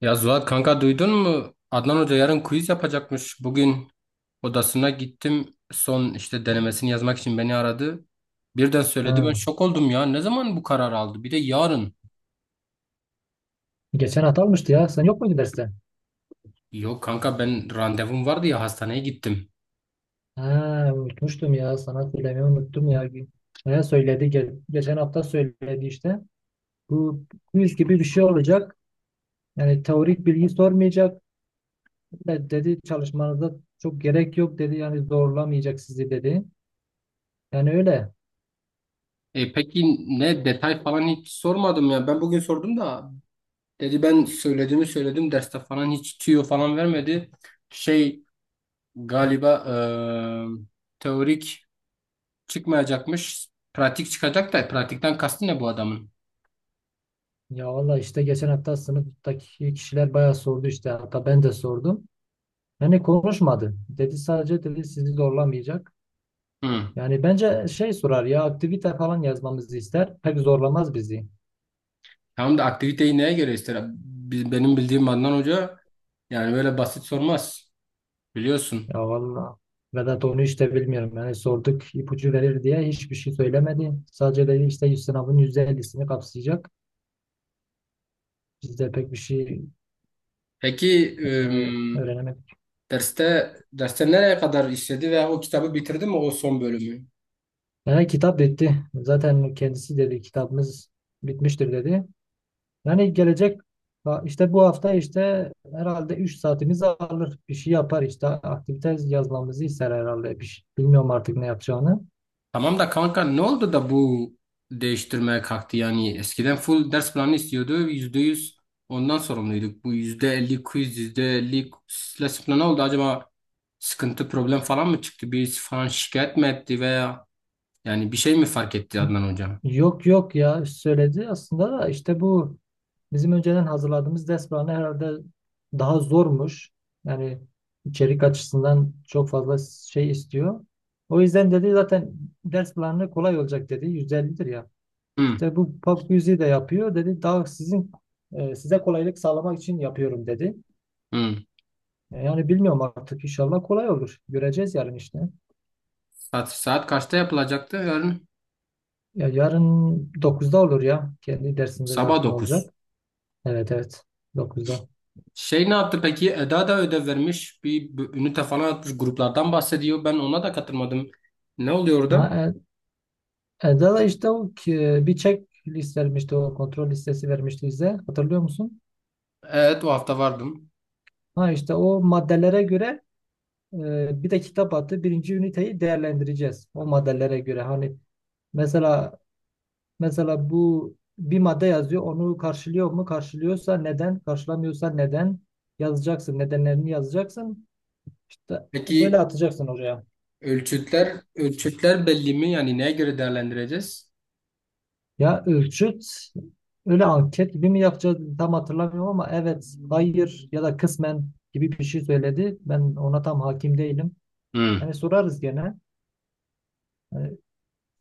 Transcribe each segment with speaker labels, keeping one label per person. Speaker 1: Ya Zuhat kanka duydun mu? Adnan Hoca yarın quiz yapacakmış. Bugün odasına gittim. Son işte denemesini yazmak için beni aradı. Birden söyledi ben
Speaker 2: Ha.
Speaker 1: şok oldum ya. Ne zaman bu karar aldı? Bir de yarın.
Speaker 2: Geçen hafta almıştı ya. Sen yok muydun derste?
Speaker 1: Yok kanka ben randevum vardı ya hastaneye gittim.
Speaker 2: Ha, unutmuştum ya. Sana söylemeyi unuttum ya. Ne söyledi? Geçen hafta söyledi işte. Bu quiz gibi bir şey olacak. Yani teorik bilgi sormayacak. Dedi çalışmanıza çok gerek yok dedi. Yani zorlamayacak sizi dedi. Yani öyle.
Speaker 1: E peki ne detay falan hiç sormadım ya. Ben bugün sordum da dedi ben söylediğimi söyledim. Derste falan hiç tüyo falan vermedi. Şey galiba teorik çıkmayacakmış. Pratik çıkacak da pratikten kastı ne bu adamın?
Speaker 2: Ya valla işte geçen hafta sınıftaki kişiler bayağı sordu işte. Hatta ben de sordum. Yani konuşmadı. Dedi sadece dedi sizi zorlamayacak.
Speaker 1: Hı.
Speaker 2: Yani bence şey sorar ya aktivite falan yazmamızı ister. Pek zorlamaz bizi.
Speaker 1: Tamam da aktiviteyi neye göre ister? Benim bildiğim Adnan Hoca yani böyle basit sormaz. Biliyorsun.
Speaker 2: Ya valla Vedat onu işte bilmiyorum. Yani sorduk ipucu verir diye hiçbir şey söylemedi. Sadece dedi işte yüz sınavın %50'sini kapsayacak. Biz de pek bir şey
Speaker 1: Peki
Speaker 2: yani
Speaker 1: ım,
Speaker 2: öğrenemedik.
Speaker 1: derste nereye kadar işledi veya o kitabı bitirdi mi o son bölümü?
Speaker 2: Yani kitap bitti. Zaten kendisi dedi kitabımız bitmiştir dedi. Yani gelecek ha, işte bu hafta işte herhalde 3 saatimizi alır. Bir şey yapar işte aktivite yazmamızı ister herhalde. Bir şey, bilmiyorum artık ne yapacağını.
Speaker 1: Tamam da kanka ne oldu da bu değiştirmeye kalktı yani eskiden full ders planı istiyordu %100 ondan sorumluyduk. Bu %50 quiz %50 ders planı oldu acaba sıkıntı problem falan mı çıktı birisi falan şikayet mi etti veya yani bir şey mi fark etti Adnan hocam?
Speaker 2: Yok yok ya söyledi aslında da işte bu bizim önceden hazırladığımız ders planı herhalde daha zormuş. Yani içerik açısından çok fazla şey istiyor. O yüzden dedi zaten ders planı kolay olacak dedi. 150'dir ya.
Speaker 1: Hı,
Speaker 2: İşte bu pop quiz'i de yapıyor dedi. Daha sizin size kolaylık sağlamak için yapıyorum dedi.
Speaker 1: hı.
Speaker 2: E, Yani bilmiyorum artık inşallah kolay olur. Göreceğiz yarın işte.
Speaker 1: Saat kaçta yapılacaktı yarın?
Speaker 2: Ya yarın dokuzda olur ya. Kendi dersinde
Speaker 1: Sabah
Speaker 2: zaten
Speaker 1: dokuz.
Speaker 2: olacak. Evet evet, dokuzda.
Speaker 1: Şey ne yaptı peki? Eda da ödev vermiş. Bir ünite falan atmış. Gruplardan bahsediyor. Ben ona da katılmadım. Ne oluyor orada?
Speaker 2: Ha, Eda'da işte bir checklist vermişti, o kontrol listesi vermişti bize, hatırlıyor musun?
Speaker 1: Evet o hafta vardım.
Speaker 2: Ha işte o maddelere göre bir de kitap attı, birinci üniteyi değerlendireceğiz o maddelere göre, hani mesela mesela bu bir madde yazıyor, onu karşılıyor mu, karşılıyorsa neden, karşılamıyorsa neden yazacaksın, nedenlerini yazacaksın, işte böyle
Speaker 1: Peki
Speaker 2: atacaksın oraya.
Speaker 1: ölçütler belli mi? Yani neye göre değerlendireceğiz?
Speaker 2: Ya ölçüt, öyle anket gibi mi yapacağız tam hatırlamıyorum, ama evet, hayır ya da kısmen gibi bir şey söyledi. Ben ona tam hakim değilim.
Speaker 1: Hı.
Speaker 2: Hani sorarız gene. Hani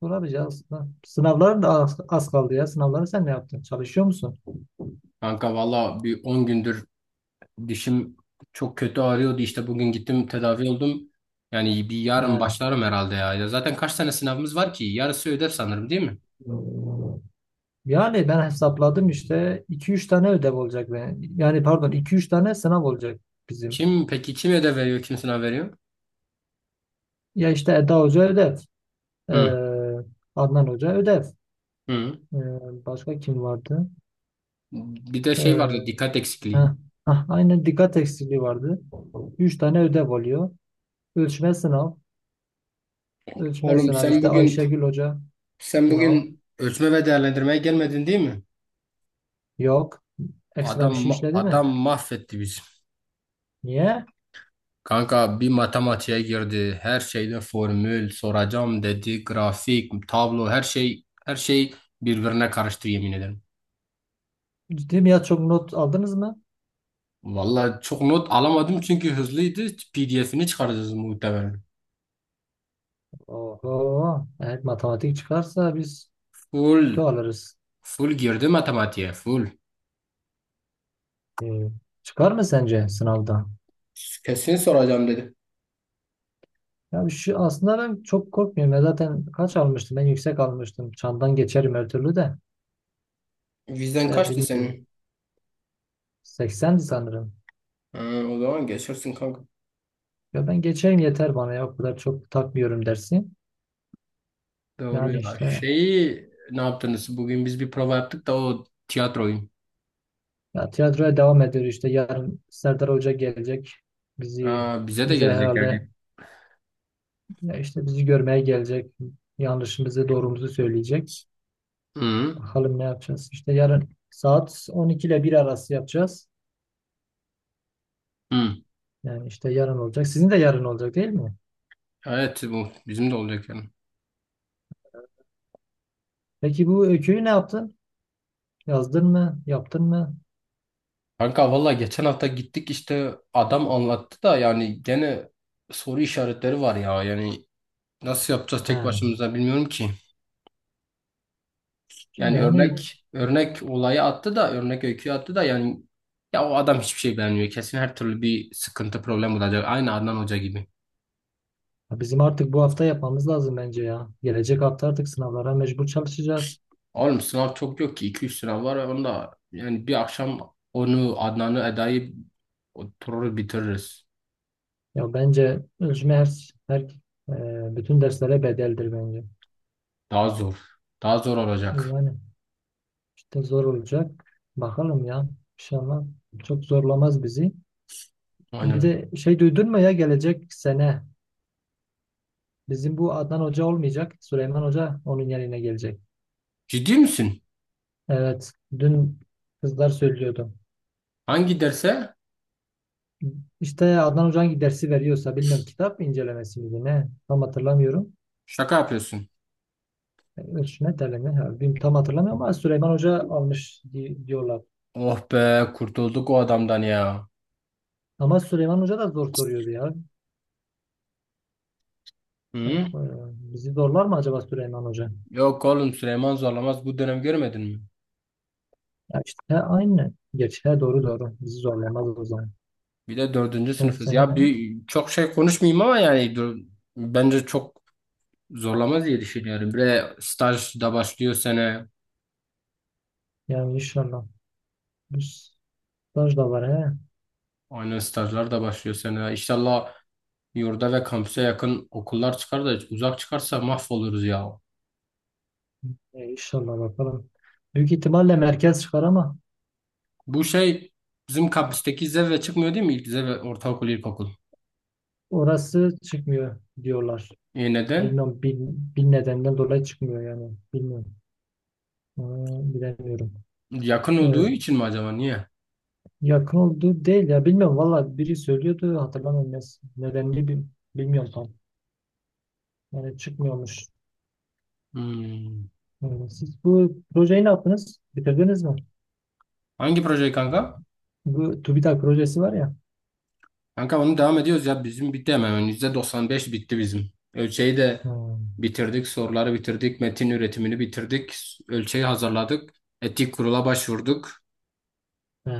Speaker 2: sorarız ya aslında. Sınavlar da az kaldı ya. Sınavları sen ne yaptın? Çalışıyor musun?
Speaker 1: Kanka valla bir 10 gündür dişim çok kötü ağrıyordu. İşte bugün gittim tedavi oldum. Yani bir yarın
Speaker 2: He.
Speaker 1: başlarım herhalde ya. Ya zaten kaç tane sınavımız var ki? Yarısı ödev sanırım değil mi?
Speaker 2: Yani ben hesapladım işte iki üç tane ödev olacak. Ben. Yani pardon iki üç tane sınav olacak bizim.
Speaker 1: Kim peki kim ödev veriyor? Kim sınav veriyor?
Speaker 2: Ya işte Eda Hoca ödev.
Speaker 1: Hı
Speaker 2: Ee, Adnan Hoca ödev.
Speaker 1: hı.
Speaker 2: Ee, başka kim vardı?
Speaker 1: Bir de
Speaker 2: Ee,
Speaker 1: şey vardı dikkat
Speaker 2: Heh,
Speaker 1: eksikliği.
Speaker 2: aynen, dikkat eksikliği vardı. Üç tane ödev oluyor. Ölçme sınav. Ölçme
Speaker 1: Oğlum
Speaker 2: sınav
Speaker 1: sen
Speaker 2: işte
Speaker 1: bugün
Speaker 2: Ayşegül Hoca sınav.
Speaker 1: ölçme ve değerlendirmeye gelmedin değil mi?
Speaker 2: Yok. Ekstra
Speaker 1: Adam
Speaker 2: bir şey işledi mi?
Speaker 1: mahvetti bizi.
Speaker 2: Niye?
Speaker 1: Kanka bir matematiğe girdi. Her şeyde formül soracağım dedi. Grafik, tablo her şey birbirine karıştı yemin ederim.
Speaker 2: Ciddi mi ya, çok not aldınız mı?
Speaker 1: Vallahi çok not alamadım çünkü hızlıydı. PDF'ini çıkaracağız muhtemelen.
Speaker 2: Oho. Evet matematik çıkarsa biz
Speaker 1: Full
Speaker 2: kötü alırız.
Speaker 1: full girdi matematiğe full.
Speaker 2: Ee, çıkar mı sence sınavda?
Speaker 1: Kesin soracağım dedi.
Speaker 2: Ya şu, aslında ben çok korkmuyorum. Ya zaten kaç almıştım? Ben yüksek almıştım. Çandan geçerim her türlü de.
Speaker 1: Vizen
Speaker 2: E,
Speaker 1: kaçtı
Speaker 2: bilmiyorum.
Speaker 1: senin?
Speaker 2: 80'di sanırım.
Speaker 1: Ha, o zaman geçersin kanka.
Speaker 2: Ya ben geçeyim yeter bana, ya o kadar çok takmıyorum dersi.
Speaker 1: Doğru
Speaker 2: Yani
Speaker 1: ya.
Speaker 2: işte
Speaker 1: Şeyi ne yaptınız? Bugün biz bir prova yaptık da o tiyatroyu.
Speaker 2: ya tiyatroya devam ediyor, işte yarın Serdar Hoca gelecek. Bizi
Speaker 1: Aa, bize de
Speaker 2: bize
Speaker 1: gelecek
Speaker 2: herhalde,
Speaker 1: yani.
Speaker 2: ya işte bizi görmeye gelecek. Yanlışımızı doğrumuzu söyleyecek.
Speaker 1: Hı
Speaker 2: Bakalım ne yapacağız. İşte yarın saat 12 ile 1 arası yapacağız.
Speaker 1: hı.
Speaker 2: Yani işte yarın olacak. Sizin de yarın olacak değil mi?
Speaker 1: Evet bu bizim de olacak yani.
Speaker 2: Peki bu öyküyü ne yaptın? Yazdın mı? Yaptın mı?
Speaker 1: Kanka valla geçen hafta gittik işte adam anlattı da yani gene soru işaretleri var ya yani nasıl yapacağız
Speaker 2: He.
Speaker 1: tek başımıza bilmiyorum ki. Yani
Speaker 2: Yani
Speaker 1: örnek olayı attı da örnek öyküyü attı da yani ya o adam hiçbir şey beğenmiyor. Kesin her türlü bir sıkıntı problem olacak. Aynı Adnan Hoca gibi.
Speaker 2: ya bizim artık bu hafta yapmamız lazım bence ya. Gelecek hafta artık sınavlara mecbur çalışacağız.
Speaker 1: Oğlum sınav çok yok ki iki üç sınav var onda yani bir akşam onu Adnan'ı Eda'yı oturur bitiririz.
Speaker 2: Ya bence ölçme her, bütün derslere bedeldir bence.
Speaker 1: Daha zor. Daha zor olacak.
Speaker 2: Yani işte zor olacak. Bakalım ya. İnşallah çok zorlamaz bizi. Bir
Speaker 1: Aynen.
Speaker 2: de şey duydun mu ya, gelecek sene bizim bu Adnan Hoca olmayacak. Süleyman Hoca onun yerine gelecek.
Speaker 1: Ciddi misin?
Speaker 2: Evet. Dün kızlar söylüyordu.
Speaker 1: Hangi derse?
Speaker 2: İşte Adnan Hoca hangi dersi veriyorsa bilmiyorum, kitap incelemesi miydi ne, tam hatırlamıyorum.
Speaker 1: Şaka yapıyorsun.
Speaker 2: Üç ne telemi? Ha, bilmiyorum, tam hatırlamıyorum ama Süleyman Hoca almış diyorlar.
Speaker 1: Oh be kurtulduk o adamdan ya.
Speaker 2: Ama Süleyman Hoca da zor soruyor ya. Ya,
Speaker 1: Hı?
Speaker 2: bizi zorlar mı acaba Süleyman Hoca?
Speaker 1: Yok oğlum Süleyman zorlamaz bu dönem görmedin mi?
Speaker 2: Ya işte he, aynı. Geç. He, doğru, doğru. Bizi zorlamaz o zaman.
Speaker 1: Bir de dördüncü
Speaker 2: Son
Speaker 1: sınıfız. Ya
Speaker 2: sene
Speaker 1: bir, çok şey konuşmayayım ama yani dur, bence çok zorlamaz diye düşünüyorum. Bir de staj da başlıyor sene.
Speaker 2: yani inşallah. Bu staj da var he.
Speaker 1: Aynen stajlar da başlıyor sene. İnşallah yurda ve kampüse yakın okullar çıkar da uzak çıkarsa mahvoluruz ya.
Speaker 2: E, inşallah bakalım. Büyük ihtimalle merkez çıkar ama
Speaker 1: Bu şey bizim kampüsteki zirve çıkmıyor değil mi? İlk zirve ortaokul, ilkokul.
Speaker 2: orası çıkmıyor diyorlar.
Speaker 1: E neden?
Speaker 2: Bilmiyorum, bin nedenden dolayı çıkmıyor yani. Bilmiyorum. Ee, bilemiyorum.
Speaker 1: Yakın
Speaker 2: Ee,
Speaker 1: olduğu için mi acaba? Niye?
Speaker 2: Yakın olduğu değil ya, bilmiyorum valla, biri söylüyordu hatırlamıyorum nedenini bilmiyorum tam. Yani çıkmıyormuş.
Speaker 1: Hmm.
Speaker 2: Yani siz bu projeyi ne yaptınız? Bitirdiniz mi?
Speaker 1: Hangi proje kanka?
Speaker 2: Bu TÜBİTAK projesi var ya.
Speaker 1: Kanka onu devam ediyoruz ya. Bizim bitti hemen. Yani %95 bitti bizim. Ölçeği de
Speaker 2: Ha.
Speaker 1: bitirdik. Soruları bitirdik. Metin üretimini bitirdik. Ölçeği hazırladık. Etik kurula başvurduk.
Speaker 2: Ha.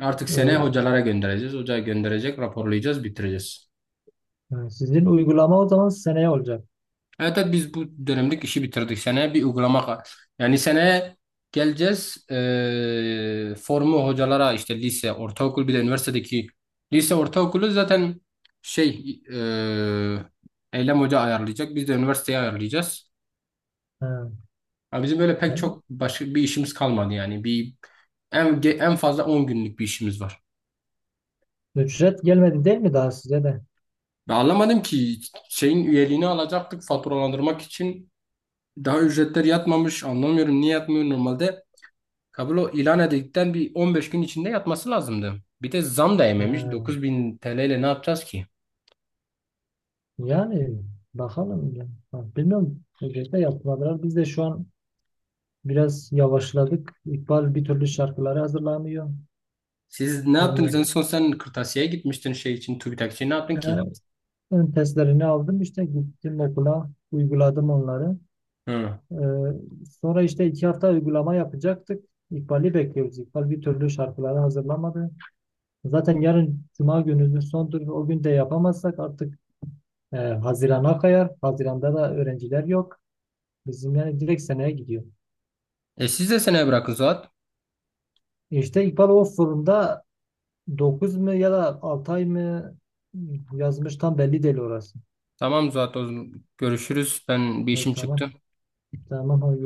Speaker 1: Artık seneye
Speaker 2: Ö-
Speaker 1: hocalara göndereceğiz. Hocaya gönderecek, raporlayacağız, bitireceğiz.
Speaker 2: ha, sizin uygulama o zaman seneye olacak.
Speaker 1: Evet, evet biz bu dönemlik işi bitirdik. Seneye bir uygulama yani seneye geleceğiz formu hocalara işte lise, ortaokul bir de üniversitedeki lise ortaokulu zaten şey eee Eylem Hoca ayarlayacak. Biz de üniversiteye ayarlayacağız.
Speaker 2: Ha.
Speaker 1: Ama bizim böyle pek
Speaker 2: Ha.
Speaker 1: çok başka bir işimiz kalmadı yani. Bir en fazla 10 günlük bir işimiz var.
Speaker 2: Ücret gelmedi değil mi daha size de?
Speaker 1: Ben anlamadım ki şeyin üyeliğini alacaktık faturalandırmak için daha ücretler yatmamış. Anlamıyorum niye yatmıyor normalde. Kablo ilan edildikten bir 15 gün içinde yatması lazımdı. Bir de zam da yememiş.
Speaker 2: Ha.
Speaker 1: 9.000 TL ile ne yapacağız ki?
Speaker 2: Yani bakalım ya. Ha, bilmiyorum. Ücretle yapmadılar. Biz de şu an biraz yavaşladık. İkbal bir türlü şarkıları hazırlamıyor.
Speaker 1: Siz ne yaptınız? En son sen kırtasiyeye gitmiştin şey için, TÜBİTAK için ne yaptın
Speaker 2: Ee,
Speaker 1: ki?
Speaker 2: Ön testlerini aldım işte, gittim okula uyguladım onları.
Speaker 1: Hı.
Speaker 2: Ee, sonra işte iki hafta uygulama yapacaktık. İkbal'i bekliyoruz. İkbal bir türlü şarkıları hazırlamadı. Zaten yarın Cuma günümüzün sondur. O gün de yapamazsak artık Haziran'a kayar. Haziran'da da öğrenciler yok. Bizim yani direkt seneye gidiyor.
Speaker 1: E siz de seneye bırakın Zuhat.
Speaker 2: İşte İkbal o forumda 9 mu ya da 6 ay mı yazmış, tam belli değil orası.
Speaker 1: Tamam Zuhat, o zaman görüşürüz. Ben bir
Speaker 2: Evet,
Speaker 1: işim
Speaker 2: tamam.
Speaker 1: çıktı.
Speaker 2: Tamam. Hadi görüşürüz.